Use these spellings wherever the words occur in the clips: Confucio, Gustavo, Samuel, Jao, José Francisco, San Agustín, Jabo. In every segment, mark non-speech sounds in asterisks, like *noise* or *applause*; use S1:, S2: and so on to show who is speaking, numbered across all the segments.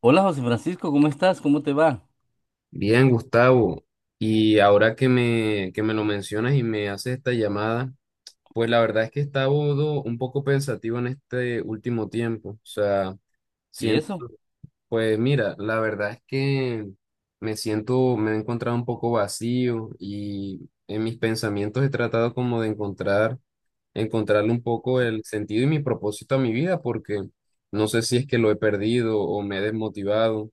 S1: Hola, José Francisco, ¿cómo estás? ¿Cómo te va?
S2: Bien, Gustavo. Y ahora que que me lo mencionas y me haces esta llamada, pues la verdad es que he estado un poco pensativo en este último tiempo. O sea,
S1: ¿Y
S2: sien-
S1: eso?
S2: pues mira, la verdad es que me he encontrado un poco vacío y en mis pensamientos he tratado como de encontrarle un poco el sentido y mi propósito a mi vida, porque no sé si es que lo he perdido o me he desmotivado.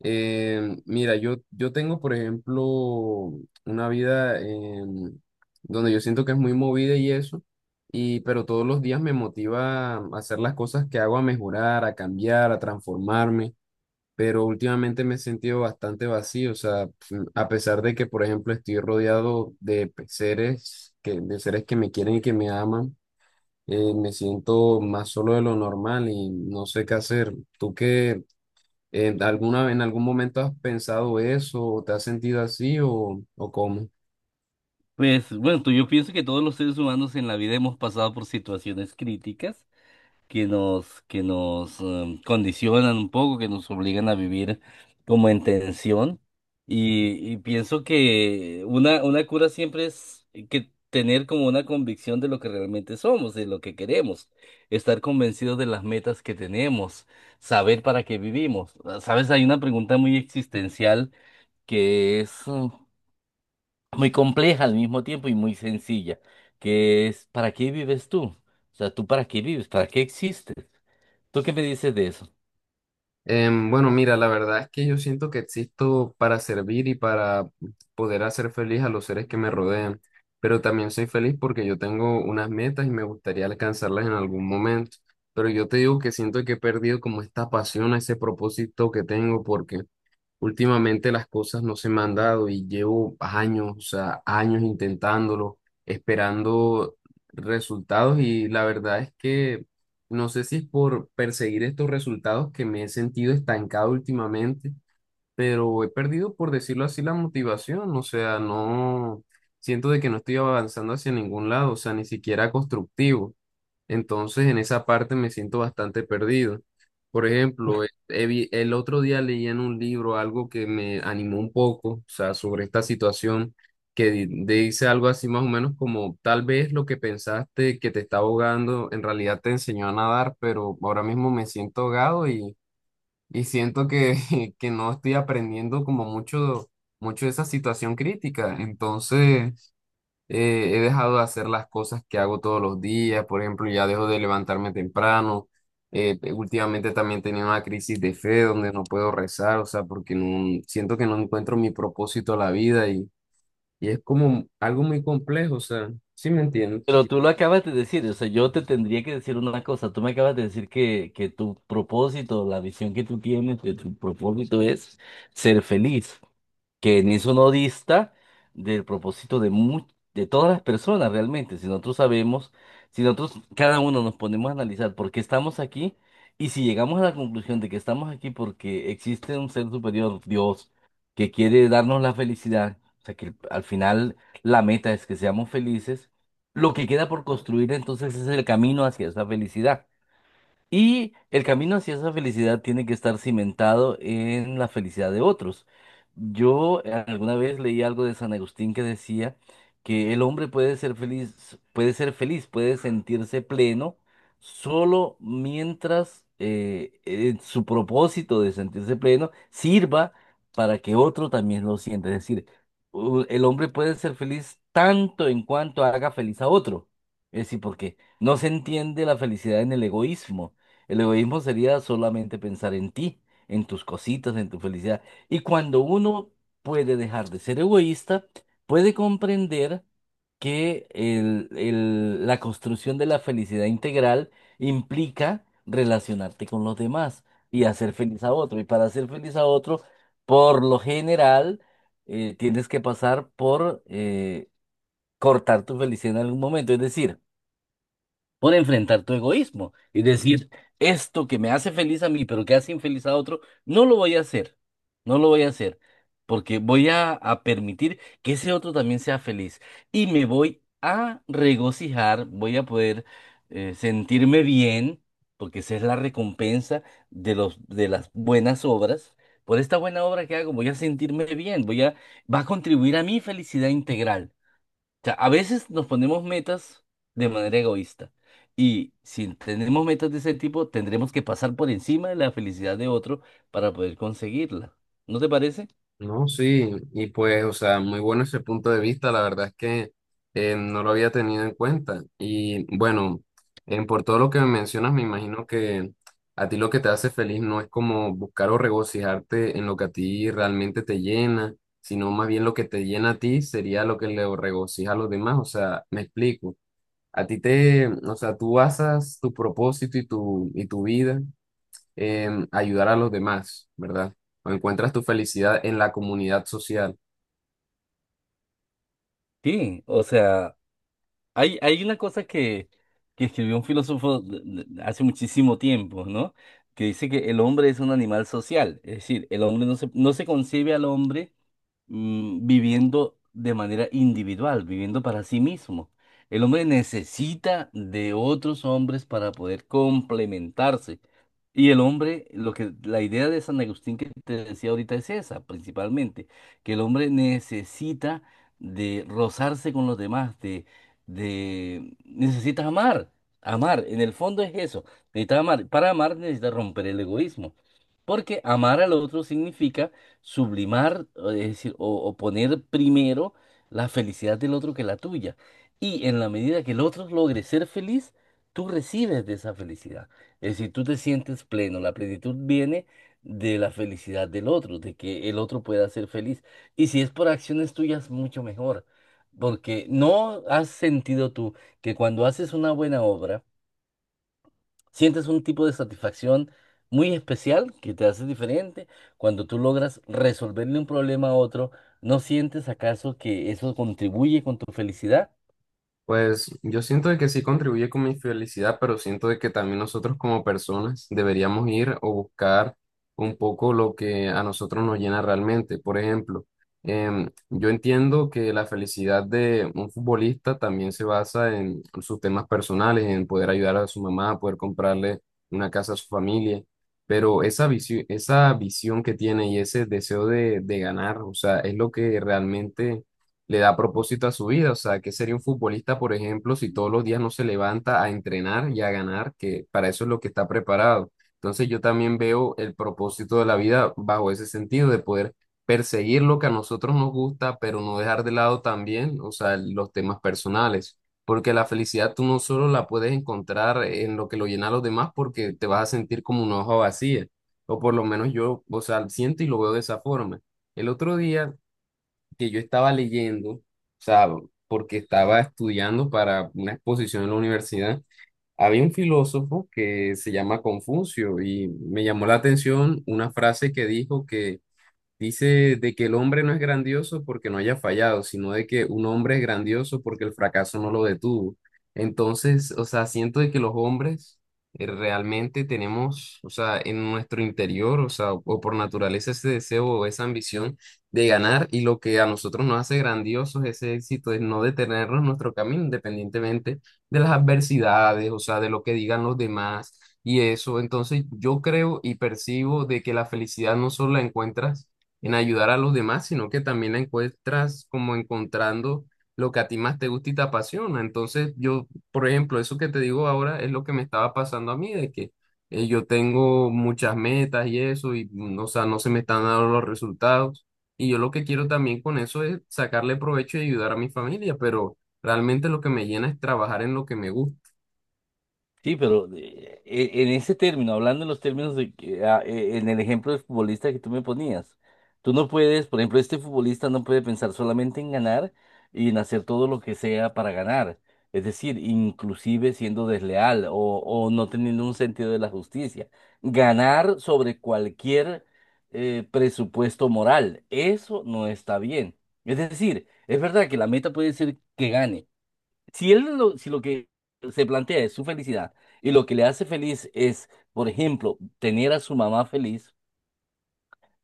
S2: Mira, yo tengo, por ejemplo, una vida donde yo siento que es muy movida y eso, pero todos los días me motiva a hacer las cosas que hago, a mejorar, a cambiar, a transformarme, pero últimamente me he sentido bastante vacío. O sea, a pesar de que, por ejemplo, estoy rodeado de de seres que me quieren y que me aman, me siento más solo de lo normal y no sé qué hacer. ¿Tú qué? ¿En algún momento has pensado eso o te has sentido así o cómo?
S1: Pues bueno, yo pienso que todos los seres humanos en la vida hemos pasado por situaciones críticas que nos, condicionan un poco, que nos obligan a vivir como en tensión. Y pienso que una cura siempre es que tener como una convicción de lo que realmente somos, de lo que queremos, estar convencidos de las metas que tenemos, saber para qué vivimos. Sabes, hay una pregunta muy existencial que es muy compleja al mismo tiempo y muy sencilla, que es ¿para qué vives tú? O sea, ¿tú para qué vives? ¿Para qué existes? ¿Tú qué me dices de eso?
S2: Bueno, mira, la verdad es que yo siento que existo para servir y para poder hacer feliz a los seres que me rodean, pero también soy feliz porque yo tengo unas metas y me gustaría alcanzarlas en algún momento. Pero yo te digo que siento que he perdido como esta pasión, ese propósito que tengo, porque últimamente las cosas no se me han dado y llevo años, o sea, años intentándolo, esperando resultados, y la verdad es que no sé si es por perseguir estos resultados que me he sentido estancado últimamente, pero he perdido, por decirlo así, la motivación. O sea, no siento de que no estoy avanzando hacia ningún lado, o sea, ni siquiera constructivo. Entonces, en esa parte me siento bastante perdido. Por ejemplo, el otro día leí en un libro algo que me animó un poco, o sea, sobre esta situación, que dice algo así más o menos como, tal vez lo que pensaste que te está ahogando, en realidad te enseñó a nadar, pero ahora mismo me siento ahogado, y siento que, *laughs* que no estoy aprendiendo como mucho, mucho de esa situación crítica. Entonces he dejado de hacer las cosas que hago todos los días. Por ejemplo, ya dejo de levantarme temprano. Últimamente también tenía una crisis de fe donde no puedo rezar, o sea, porque no, siento que no encuentro mi propósito a la vida, y es como algo muy complejo, o sea, ¿sí me entiendes?
S1: Pero tú lo acabas de decir, o sea, yo te tendría que decir una cosa, tú me acabas de decir que tu propósito, la visión que tú tienes de tu propósito es ser feliz. Que en eso no dista del propósito de todas las personas realmente. Si nosotros sabemos, si nosotros cada uno nos ponemos a analizar por qué estamos aquí y si llegamos a la conclusión de que estamos aquí porque existe un ser superior, Dios, que quiere darnos la felicidad, o sea que al final la meta es que seamos felices, lo que queda por construir entonces es el camino hacia esa felicidad. Y el camino hacia esa felicidad tiene que estar cimentado en la felicidad de otros. Yo alguna vez leí algo de San Agustín que decía que el hombre puede ser feliz, puede ser feliz, puede sentirse pleno solo mientras su propósito de sentirse pleno sirva para que otro también lo sienta. Es decir, el hombre puede ser feliz tanto en cuanto haga feliz a otro. Es decir, porque no se entiende la felicidad en el egoísmo. El egoísmo sería solamente pensar en ti, en tus cositas, en tu felicidad. Y cuando uno puede dejar de ser egoísta, puede comprender que la construcción de la felicidad integral implica relacionarte con los demás y hacer feliz a otro. Y para hacer feliz a otro, por lo general, tienes que pasar por cortar tu felicidad en algún momento. Es decir, por enfrentar tu egoísmo y decir, esto que me hace feliz a mí, pero que hace infeliz a otro, no lo voy a hacer, no lo voy a hacer, porque voy a permitir que ese otro también sea feliz y me voy a regocijar, voy a poder sentirme bien, porque esa es la recompensa de los, de las buenas obras. Por esta buena obra que hago, voy a sentirme bien, voy a, va a contribuir a mi felicidad integral sea, a veces nos ponemos metas de manera egoísta. Y si tenemos metas de ese tipo, tendremos que pasar por encima de la felicidad de otro para poder conseguirla. ¿No te parece?
S2: No, sí, y pues, o sea, muy bueno ese punto de vista, la verdad es que no lo había tenido en cuenta. Y bueno, en por todo lo que me mencionas, me imagino que a ti lo que te hace feliz no es como buscar o regocijarte en lo que a ti realmente te llena, sino más bien lo que te llena a ti sería lo que le regocija a los demás. O sea, me explico. O sea, tú basas tu propósito y tu vida, ayudar a los demás, ¿verdad? O encuentras tu felicidad en la comunidad social.
S1: Sí, o sea, hay una cosa que escribió un filósofo hace muchísimo tiempo, ¿no? Que dice que el hombre es un animal social. Es decir, el hombre no se, no se concibe al hombre. Viviendo de manera individual, viviendo para sí mismo. El hombre necesita de otros hombres para poder complementarse. Y el hombre, lo que la idea de San Agustín que te decía ahorita es esa, principalmente, que el hombre necesita de rozarse con los demás, de necesitas amar, amar, en el fondo es eso, necesitas amar, para amar necesitas romper el egoísmo, porque amar al otro significa sublimar, es decir, o poner primero la felicidad del otro que la tuya. Y en la medida que el otro logre ser feliz, tú recibes de esa felicidad. Es decir, tú te sientes pleno. La plenitud viene de la felicidad del otro, de que el otro pueda ser feliz. Y si es por acciones tuyas, mucho mejor. Porque no has sentido tú que cuando haces una buena obra, sientes un tipo de satisfacción muy especial que te hace diferente cuando tú logras resolverle un problema a otro. ¿No sientes acaso que eso contribuye con tu felicidad?
S2: Pues yo siento de que sí contribuye con mi felicidad, pero siento de que también nosotros como personas deberíamos ir o buscar un poco lo que a nosotros nos llena realmente. Por ejemplo, yo entiendo que la felicidad de un futbolista también se basa en sus temas personales, en poder ayudar a su mamá, poder comprarle una casa a su familia, pero esa visión que tiene y ese deseo de ganar, o sea, es lo que realmente le da propósito a su vida. O sea, ¿qué sería un futbolista, por ejemplo, si todos los días no se levanta a entrenar y a ganar? Que para eso es lo que está preparado. Entonces yo también veo el propósito de la vida bajo ese sentido de poder perseguir lo que a nosotros nos gusta, pero no dejar de lado también, o sea, los temas personales. Porque la felicidad tú no solo la puedes encontrar en lo que lo llena a los demás, porque te vas a sentir como una hoja vacía. O por lo menos yo, o sea, siento y lo veo de esa forma. El otro día que yo estaba leyendo, o sea, porque estaba estudiando para una exposición en la universidad, había un filósofo que se llama Confucio y me llamó la atención una frase que dijo, que dice de que el hombre no es grandioso porque no haya fallado, sino de que un hombre es grandioso porque el fracaso no lo detuvo. Entonces, o sea, siento de que los hombres realmente tenemos, o sea, en nuestro interior, o sea, o por naturaleza ese deseo o esa ambición de ganar, y lo que a nosotros nos hace grandiosos ese éxito es no detenernos en nuestro camino, independientemente de las adversidades, o sea, de lo que digan los demás y eso. Entonces, yo creo y percibo de que la felicidad no solo la encuentras en ayudar a los demás, sino que también la encuentras como encontrando lo que a ti más te gusta y te apasiona. Entonces, yo, por ejemplo, eso que te digo ahora es lo que me estaba pasando a mí, de que yo tengo muchas metas y eso, o sea, no se me están dando los resultados. Y yo lo que quiero también con eso es sacarle provecho y ayudar a mi familia, pero realmente lo que me llena es trabajar en lo que me gusta.
S1: Sí, pero en ese término, hablando en los términos de que, en el ejemplo del futbolista que tú me ponías, tú no puedes, por ejemplo, este futbolista no puede pensar solamente en ganar y en hacer todo lo que sea para ganar. Es decir, inclusive siendo desleal o no teniendo un sentido de la justicia. Ganar sobre cualquier presupuesto moral, eso no está bien. Es decir, es verdad que la meta puede ser que gane. Si lo que se plantea es su felicidad y lo que le hace feliz es, por ejemplo, tener a su mamá feliz,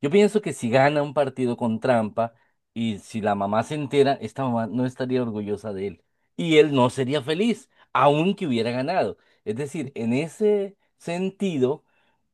S1: yo pienso que si gana un partido con trampa y si la mamá se entera, esta mamá no estaría orgullosa de él y él no sería feliz, aunque hubiera ganado. Es decir, en ese sentido,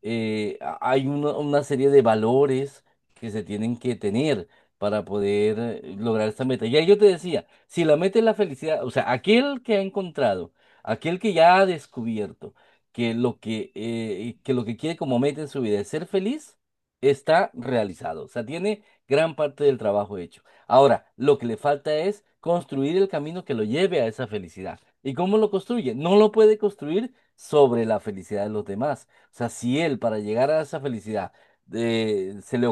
S1: hay una serie de valores que se tienen que tener para poder lograr esta meta. Ya yo te decía, si la meta es la felicidad, o sea, aquel que ha encontrado, aquel que ya ha descubierto que lo que quiere como meta en su vida es ser feliz, está realizado, o sea, tiene gran parte del trabajo hecho. Ahora, lo que le falta es construir el camino que lo lleve a esa felicidad. ¿Y cómo lo construye? No lo puede construir sobre la felicidad de los demás. O sea, si él para llegar a esa felicidad se le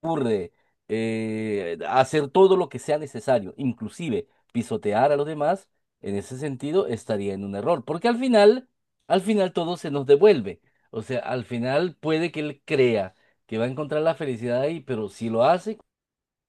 S1: ocurre hacer todo lo que sea necesario, inclusive pisotear a los demás, en ese sentido estaría en un error, porque al final todo se nos devuelve. O sea, al final puede que él crea que va a encontrar la felicidad ahí, pero si lo hace,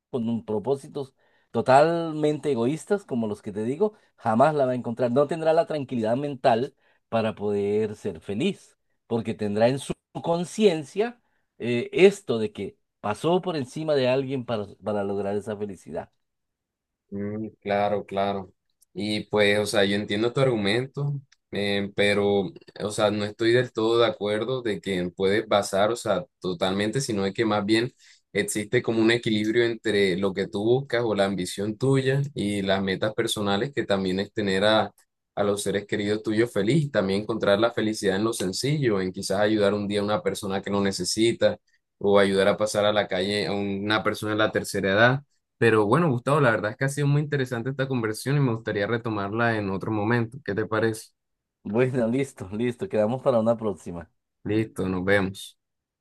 S1: con un propósitos totalmente egoístas, como los que te digo, jamás la va a encontrar. No tendrá la tranquilidad mental para poder ser feliz, porque tendrá en su conciencia esto de que pasó por encima de alguien para lograr esa felicidad. *laughs*
S2: Mm, claro, claro. Y pues, o sea, yo entiendo tu argumento, pero o sea, no estoy del todo de acuerdo de que puedes basar, o sea, totalmente, sino es que más bien existe como un equilibrio entre lo que tú buscas o la ambición tuya y las metas personales, que también es tener a los seres queridos tuyos feliz, también encontrar la felicidad en lo sencillo, en quizás ayudar un día a una persona que lo necesita o ayudar a pasar a la calle a una persona de la tercera edad. Pero bueno, Gustavo, la verdad es que ha sido muy interesante esta conversación y me gustaría retomarla en otro momento. ¿Qué te parece?
S1: Bueno, listo, listo, quedamos para una próxima.
S2: Listo, nos vemos.